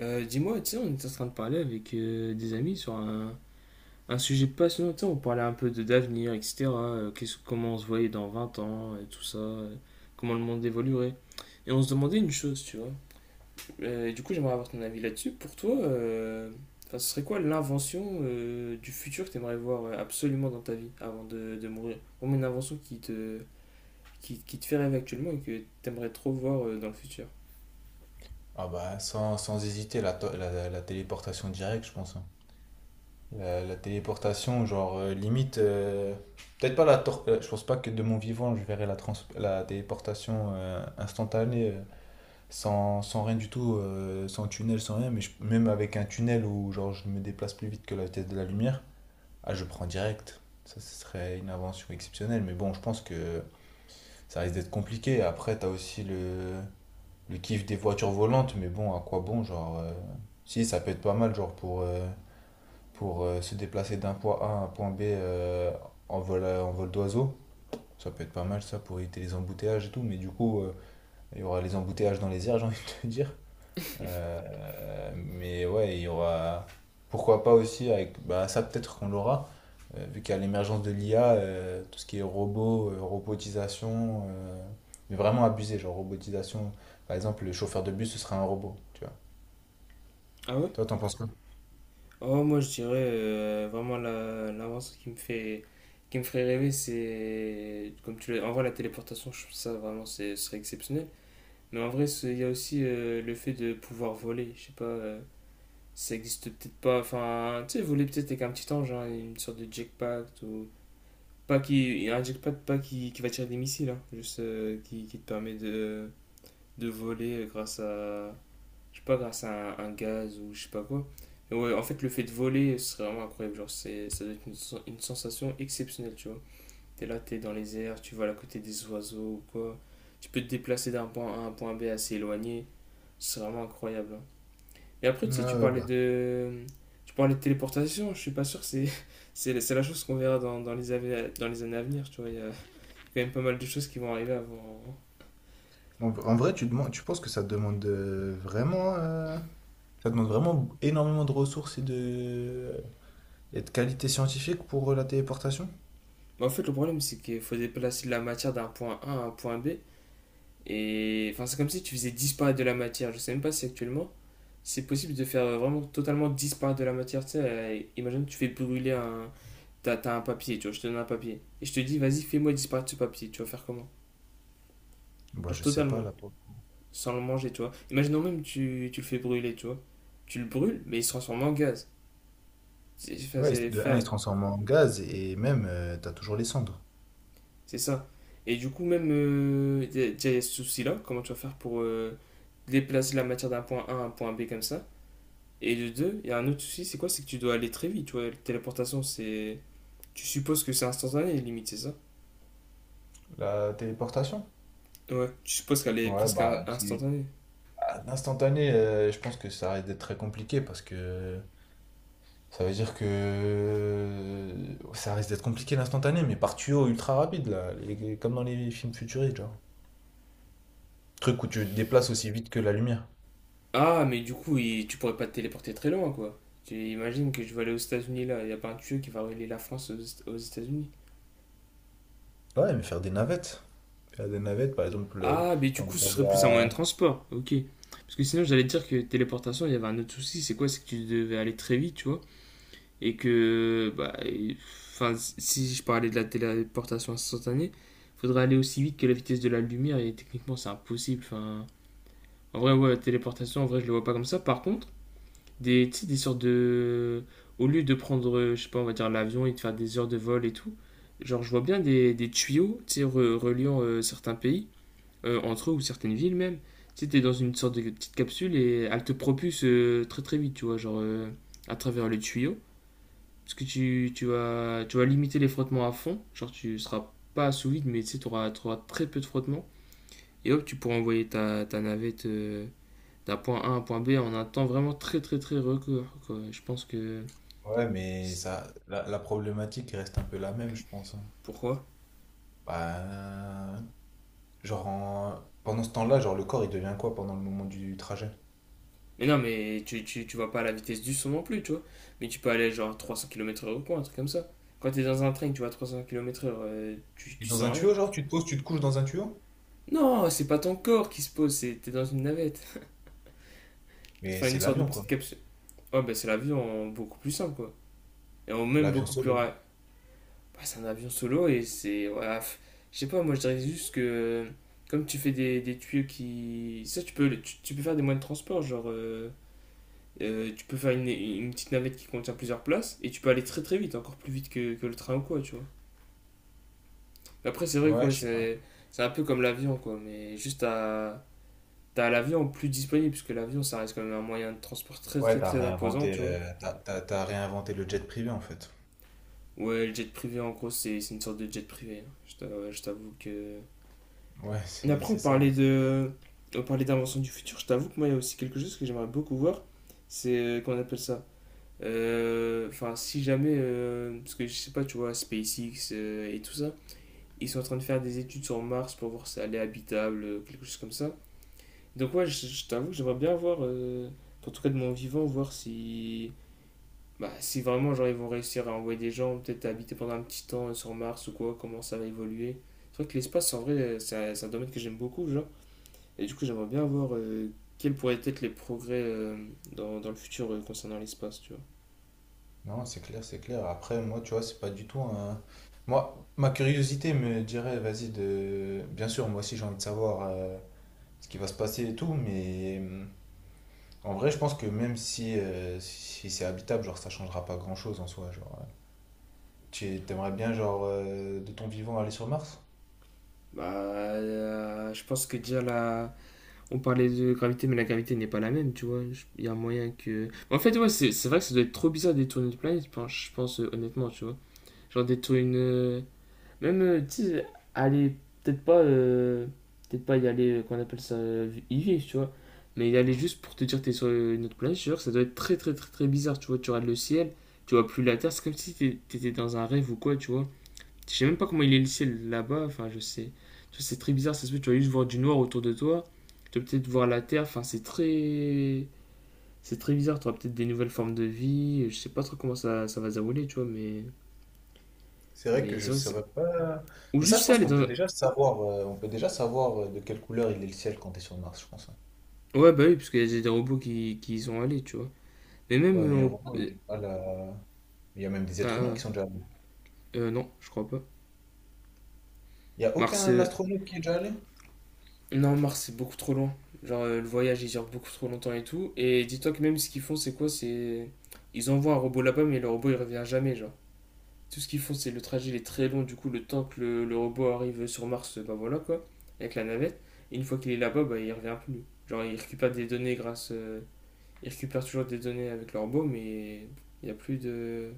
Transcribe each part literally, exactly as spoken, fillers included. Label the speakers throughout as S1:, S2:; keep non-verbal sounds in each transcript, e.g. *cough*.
S1: Euh, dis-moi, tu sais, on était en train de parler avec euh, des amis sur un, un sujet passionnant. Tu sais, on parlait un peu de d'avenir, et cetera euh, qu'est-ce- comment on se voyait dans vingt ans, et tout ça, euh, comment le monde évoluerait. Et on se demandait une chose, tu vois. Euh, et du coup, j'aimerais avoir ton avis là-dessus. Pour toi, euh, enfin, ce serait quoi l'invention euh, du futur que tu aimerais voir euh, absolument dans ta vie avant de, de mourir? Ou une invention qui te, qui, qui te fait rêver actuellement et que tu aimerais trop voir euh, dans le futur.
S2: Ah bah sans, sans hésiter la, to- la, la téléportation directe, je pense, hein. La, la téléportation, genre euh, limite, euh, peut-être pas la tor- euh, je pense pas que de mon vivant je verrai la, trans- la téléportation euh, instantanée, euh, sans, sans rien du tout, euh, sans tunnel, sans rien, mais je- même avec un tunnel où genre je me déplace plus vite que la vitesse de la lumière, ah je prends direct ça. Ce serait une invention exceptionnelle, mais bon, je pense que ça risque d'être compliqué. Après, t'as aussi le le kiff des voitures volantes, mais bon, à quoi bon, genre. euh, Si, ça peut être pas mal, genre, pour, euh, pour euh, se déplacer d'un point A à un point B, euh, en vol, euh, en vol d'oiseau. Ça peut être pas mal, ça, pour éviter les embouteillages et tout, mais du coup, euh, il y aura les embouteillages dans les airs, *laughs* j'ai envie de te dire. Euh, mais ouais, il y aura. Pourquoi pas aussi avec. Bah, ça, peut-être qu'on l'aura, euh, vu qu'à l'émergence de l'I A, euh, tout ce qui est robot, euh, robotisation, euh, mais vraiment abusé, genre robotisation. Par exemple, le chauffeur de bus, ce sera un robot, tu vois.
S1: Ah ouais?
S2: Toi, t'en penses quoi?
S1: Oh, moi, je dirais euh, vraiment la- l'avance qui me fait, qui me ferait rêver, c'est comme tu l'as. En vrai, la téléportation, je trouve ça vraiment, c'est- ce serait exceptionnel. Mais en vrai, c'est- il y a aussi euh, le fait de pouvoir voler. Je sais pas, euh, ça existe peut-être pas. Enfin, tu sais, voler peut-être avec un petit ange, hein, une sorte de jetpack ou pas qui, un jetpack pas qui, qui va tirer des missiles, hein, juste euh, qui, qui te permet de, de voler euh, grâce à je sais pas, grâce à un, un gaz ou je sais pas quoi. Et ouais, en fait, le fait de voler, c'est vraiment incroyable. Genre, c'est, ça doit être une, sen- une sensation exceptionnelle, tu vois. T'es là, t'es dans les airs, tu voles à côté des oiseaux ou quoi. Tu peux te déplacer d'un point A à un point B assez éloigné. C'est vraiment incroyable, hein. Et après, tu sais, tu
S2: Ouais,
S1: parlais
S2: bah.
S1: de… Tu parlais de téléportation, je suis pas sûr, c'est, *laughs* c'est, c'est la chose qu'on verra dans, dans les années dans les années à venir, tu vois. Il y a quand même pas mal de choses qui vont arriver avant… hein.
S2: En, en vrai, tu demandes, tu penses que ça demande euh, vraiment, euh, ça demande vraiment énormément de ressources et de, et de qualité scientifique pour, euh, la téléportation?
S1: Mais en fait, le problème, c'est qu'il faut déplacer de la matière d'un point A à un point B. Et enfin, c'est comme si tu faisais disparaître de la matière. Je sais même pas si actuellement c'est possible de faire vraiment totalement disparaître de la matière. Tu sais, euh, imagine, tu fais brûler un. T'as t'as un papier, tu vois, je te donne un papier. Et je te dis, vas-y, fais-moi disparaître ce papier. Tu vas faire comment?
S2: Bah,
S1: Genre
S2: je sais pas
S1: totalement,
S2: là.
S1: sans le manger, tu vois. Imaginons même, tu, tu le fais brûler, tu vois. Tu le brûles, mais il se transforme en gaz. C'est enfin,
S2: Ouais,
S1: c'est
S2: de un, il
S1: faire-
S2: se transforme en gaz et même, euh, t'as toujours les cendres.
S1: c'est ça. Et du coup, même, euh, déjà, il y a ce souci-là. Comment tu vas faire pour euh, déplacer la matière d'un point A à un point B comme ça? Et de deux, il y a un autre souci, c'est quoi? C'est que tu dois aller très vite, tu vois. La téléportation, c'est. Tu supposes que c'est instantané, limite, c'est ça?
S2: La téléportation?
S1: Ouais, tu supposes qu'elle est
S2: Ouais,
S1: presque in-
S2: bah, qui-
S1: instantanée.
S2: à l'instantané, euh, je pense que ça risque d'être très compliqué parce que ça veut dire que euh, ça risque d'être compliqué l'instantané, mais par tuyau ultra rapide, là, les- comme dans les films futuristes, genre. Truc où tu te déplaces aussi vite que la lumière.
S1: Ah, mais du coup, il- tu pourrais pas te téléporter très loin, quoi. Tu imagines que je vais aller aux États-Unis là, il y a pas un tuyau qui va relier la France aux, Est- aux États-Unis.
S2: Ouais, mais faire des navettes. Faire des navettes, par exemple, euh,
S1: Ah, mais du
S2: t'as
S1: coup,
S2: envie
S1: ce
S2: d'aller
S1: serait plus un moyen de
S2: à.
S1: transport, ok. Parce que sinon, j'allais te dire que téléportation, il y avait un autre souci, c'est quoi? C'est que tu devais aller très vite, tu vois. Et que bah, et enfin, si je parlais de la téléportation instantanée, il faudrait aller aussi vite que la vitesse de la lumière et techniquement c'est impossible. Enfin, en vrai, ouais, la téléportation, en vrai, je le vois pas comme ça. Par contre, des, tu des sortes de. Au lieu de prendre, euh, je sais pas, on va dire l'avion et de faire des heures de vol et tout, genre, je vois bien des, des tuyaux, tu sais, re- reliant euh, certains pays, euh, entre eux ou certaines villes même. Tu sais, t'es dans une sorte de petite capsule et elle te propulse euh, très très vite, tu vois, genre euh, à travers les tuyaux. Parce que tu, tu vas, tu vas limiter les frottements à fond. Genre, tu seras pas sous vide, mais tu sais, tu auras, tu auras très peu de frottements. Et hop, tu pourras envoyer ta, ta navette euh, d'un point A à un point B en un temps vraiment très, très, très record, quoi. Je pense que.
S2: Ouais, mais ça, la, la problématique reste un peu la même, je pense, hein.
S1: Pourquoi?
S2: Bah, genre, en- pendant ce temps-là, genre, le corps, il devient quoi pendant le moment du trajet?
S1: Mais non, mais tu, tu, tu vas pas à la vitesse du son non plus, tu vois. Mais tu peux aller genre trois cents kilomètres par heure ou quoi, un truc comme ça. Quand t'es dans un train, tu vas à trois cents kilomètres heure euh, tu,
S2: Il est
S1: tu
S2: dans un
S1: sens rien.
S2: tuyau, genre, tu te poses, tu te couches dans un tuyau?
S1: Non, c'est pas ton corps qui se pose, c'est t'es dans une navette.
S2: Mais
S1: Enfin,
S2: c'est
S1: une sorte de
S2: l'avion,
S1: petite
S2: quoi.
S1: capsule. Ouais, bah c'est la vie en beaucoup plus simple, quoi. Et en même
S2: L'avion
S1: beaucoup plus
S2: solo.
S1: rapide. Bah, c'est un avion solo et c'est. Voilà, je sais pas, moi je dirais juste que. Comme tu fais des, des tuyaux qui. Ça, tu peux, tu, tu peux faire des moyens de transport, genre. euh, euh, tu peux faire une, une petite navette qui contient plusieurs places et tu peux aller très très vite, encore plus vite que, que le train ou quoi, tu vois. Après, c'est vrai que
S2: Ouais,
S1: ouais,
S2: je sais pas.
S1: c'est c'est un peu comme l'avion, quoi, mais juste à. T'as l'avion plus disponible, puisque l'avion ça reste quand même un moyen de transport très
S2: Ouais,
S1: très
S2: t'as
S1: très imposant,
S2: réinventé,
S1: tu vois.
S2: euh, t'as, t'as- t'as réinventé le jet privé, en fait.
S1: Ouais, le jet privé en gros c'est c'est une sorte de jet privé, hein. Je t'a- ouais, je t'avoue que.
S2: Ouais,
S1: Mais
S2: c'est,
S1: après, on
S2: c'est ça.
S1: parlait de. On parlait d'invention du futur. Je t'avoue que moi, il y a aussi quelque chose que j'aimerais beaucoup voir. C'est. euh, Qu'on appelle ça. Euh, Enfin, si jamais. Euh, parce que je sais pas, tu vois, SpaceX euh, et tout ça. Ils sont en train de faire des études sur Mars pour voir si elle est habitable, euh, quelque chose comme ça. Donc, ouais, je, je t'avoue que j'aimerais bien voir. Euh, en tout cas, de mon vivant, voir si. Bah, si vraiment, genre, ils vont réussir à envoyer des gens, peut-être à habiter pendant un petit temps euh, sur Mars ou quoi, comment ça va évoluer. C'est vrai que l'espace, en vrai, euh, c'est un, c'est un domaine que j'aime beaucoup, genre. Et du coup, j'aimerais bien voir euh, quels pourraient être les progrès euh, dans, dans le futur euh, concernant l'espace, tu vois.
S2: Non, c'est clair, c'est clair. Après, moi, tu vois, c'est pas du tout un… Moi, ma curiosité me dirait, vas-y, de… Bien sûr, moi aussi, j'ai envie de savoir euh, ce qui va se passer et tout, mais… hum, en vrai, je pense que même si, euh, si c'est habitable, genre, ça changera pas grand-chose en soi, genre… euh. Tu aimerais bien, genre, euh, de ton vivant, aller sur Mars?
S1: Bah, euh, je pense que déjà là, on parlait de gravité, mais la gravité n'est pas la même, tu vois. Je- Il y a moyen que. En fait, ouais, c'est c'est vrai que ça doit être trop bizarre de détourner une planète, je pense, je pense, euh, honnêtement, tu vois. Genre détourner une, euh, même, euh, tu sais, aller, peut-être pas, euh, peut-être pas y aller, euh, qu'on appelle ça, euh, y vivre, tu vois. Mais y aller juste pour te dire que t'es sur euh, une autre planète, je te jure, ça doit être très très très très bizarre, tu vois. Tu regardes le ciel, tu vois plus la Terre, c'est comme si t'é- t'étais dans un rêve ou quoi, tu vois. Je sais même pas comment il est le ciel là-bas, enfin, je sais. Tu vois, c'est très bizarre, ça se peut, tu vas juste voir du noir autour de toi, tu vas peut-être voir la Terre, enfin, c'est très. C'est très bizarre, tu auras peut-être des nouvelles formes de vie, je sais pas trop comment ça, ça va se dérouler, tu vois, mais.
S2: C'est vrai que
S1: Mais c'est
S2: je
S1: vrai que c'est.
S2: saurais pas.
S1: Ou
S2: Mais ça,
S1: juste
S2: je
S1: ça,
S2: pense
S1: aller
S2: qu'on peut
S1: dans.
S2: déjà savoir, euh, on peut déjà savoir euh, de quelle couleur il est le ciel quand t'es sur Mars, je pense, hein.
S1: Ouais, bah oui, parce qu'il y a des robots qui, qui y sont allés, tu vois. Mais même.
S2: Ouais,
S1: euh,
S2: mais heureusement,
S1: on-
S2: il
S1: euh,
S2: est pas là. Il y a même des êtres humains
S1: ah,
S2: qui sont déjà allés.
S1: euh, non, je crois pas.
S2: Il n'y a
S1: Mars.
S2: aucun
S1: euh,
S2: astronaute qui est déjà allé?
S1: Non, Mars, c'est beaucoup trop loin. Genre, euh, le voyage, il dure beaucoup trop longtemps et tout. Et dis-toi que même ce qu'ils font, c'est quoi? C'est. Ils envoient un robot là-bas, mais le robot, il revient jamais, genre. Tout ce qu'ils font, c'est le trajet, il est très long. Du coup, le temps que le, le robot arrive sur Mars, bah voilà, quoi. Avec la navette. Et une fois qu'il est là-bas, bah, il revient plus. Genre, il récupère des données grâce. euh, Il récupère toujours des données avec le robot, mais il n'y a plus de.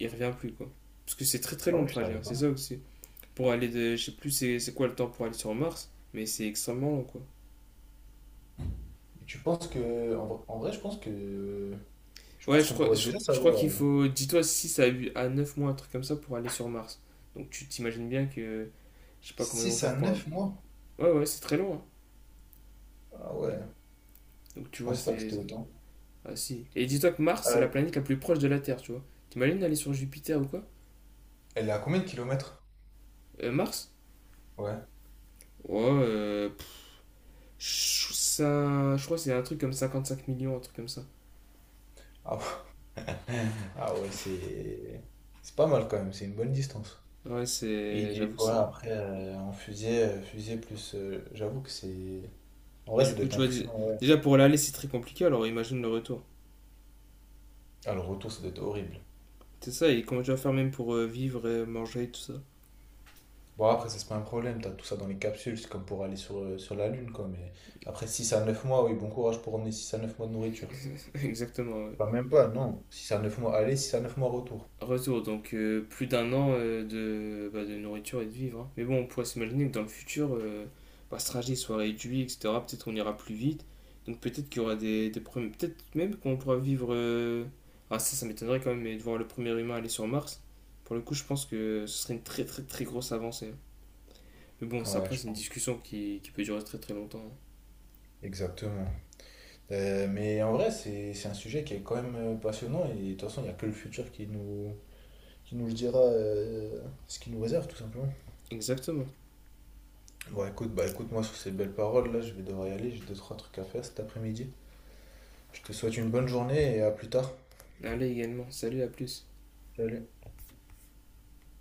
S1: Il revient plus, quoi. Parce que c'est très très
S2: Ah
S1: long le
S2: ouais, je
S1: trajet, hein,
S2: savais pas.
S1: c'est ça aussi. Pour aller de. Je sais plus c'est c'est quoi le temps pour aller sur Mars, mais c'est extrêmement long, quoi.
S2: Et tu penses que. En, vrai, en vrai, je pense que. Je
S1: Ouais,
S2: pense
S1: je
S2: qu'on
S1: crois,
S2: pourrait
S1: je,
S2: déjà
S1: je crois
S2: savoir.
S1: qu'il
S2: Euh,
S1: faut, dis-toi, six à, neuf mois, un truc comme ça, pour aller sur Mars. Donc tu t'imagines bien que. Je sais pas comment ils vont
S2: six à
S1: faire pour.
S2: neuf mois?
S1: Ouais, ouais, c'est très long, hein.
S2: Ah ouais.
S1: Donc
S2: Je
S1: tu vois,
S2: pensais pas que
S1: c'est.
S2: c'était autant.
S1: Ah si. Et dis-toi que Mars, c'est la
S2: Euh,
S1: planète la plus proche de la Terre, tu vois. T'imagines d'aller sur Jupiter ou quoi.
S2: Elle est à combien de kilomètres?
S1: Euh, Mars.
S2: Ouais.
S1: Ouais, euh, pff, ça, je crois que c'est un truc comme cinquante cinq millions, un truc comme ça.
S2: Ah ouais. Ah ouais, c'est c'est pas mal quand même, c'est une bonne distance.
S1: Ouais,
S2: Et
S1: c'est.
S2: il est-
S1: J'avoue que
S2: ouais,
S1: c'est.
S2: après, euh, en fusée, euh, fusée plus. Euh, j'avoue que c'est. En vrai,
S1: Mais
S2: ça
S1: du
S2: doit
S1: coup,
S2: être
S1: tu vois,
S2: impressionnant, ouais.
S1: déjà pour l'aller, c'est très compliqué, alors imagine le retour.
S2: Ah, le retour, ça doit être horrible.
S1: C'est ça, et comment tu vas faire même pour euh, vivre, et manger, tout ça.
S2: Bon, après, ça, c'est pas un problème, t'as tout ça dans les capsules, c'est comme pour aller sur, euh, sur la Lune, quoi. Mais après, six à neuf mois, oui, bon courage pour emmener six à neuf mois de nourriture.
S1: *laughs* Exactement, ouais.
S2: Enfin, même pas, non. Six à neuf mois aller, six à neuf mois retour.
S1: Retour, donc euh, plus d'un an euh, de, bah, de nourriture et de vivre, hein. Mais bon, on pourrait s'imaginer que dans le futur, euh, bah, ce trajet soit réduit, et cetera. Peut-être qu'on ira plus vite. Donc peut-être qu'il y aura des, des problèmes. Peut-être même qu'on pourra vivre. euh, Ah, ça, ça m'étonnerait quand même, mais de voir le premier humain aller sur Mars. Pour le coup, je pense que ce serait une très très très grosse avancée. Mais bon, ça,
S2: Ouais,
S1: après,
S2: je
S1: c'est une
S2: pense.
S1: discussion qui, qui peut durer très très longtemps, hein.
S2: Exactement. Euh, mais en vrai, c'est c'est un sujet qui est quand même euh, passionnant, et de toute façon, il n'y a que le futur qui nous. Qui nous le dira, euh, ce qu'il nous réserve, tout simplement.
S1: Exactement.
S2: Bon, écoute, bah écoute, moi sur ces belles paroles, là, je vais devoir y aller. J'ai deux, trois trucs à faire cet après-midi. Je te souhaite une bonne journée et à plus tard.
S1: Allez également, salut, à plus.
S2: Salut.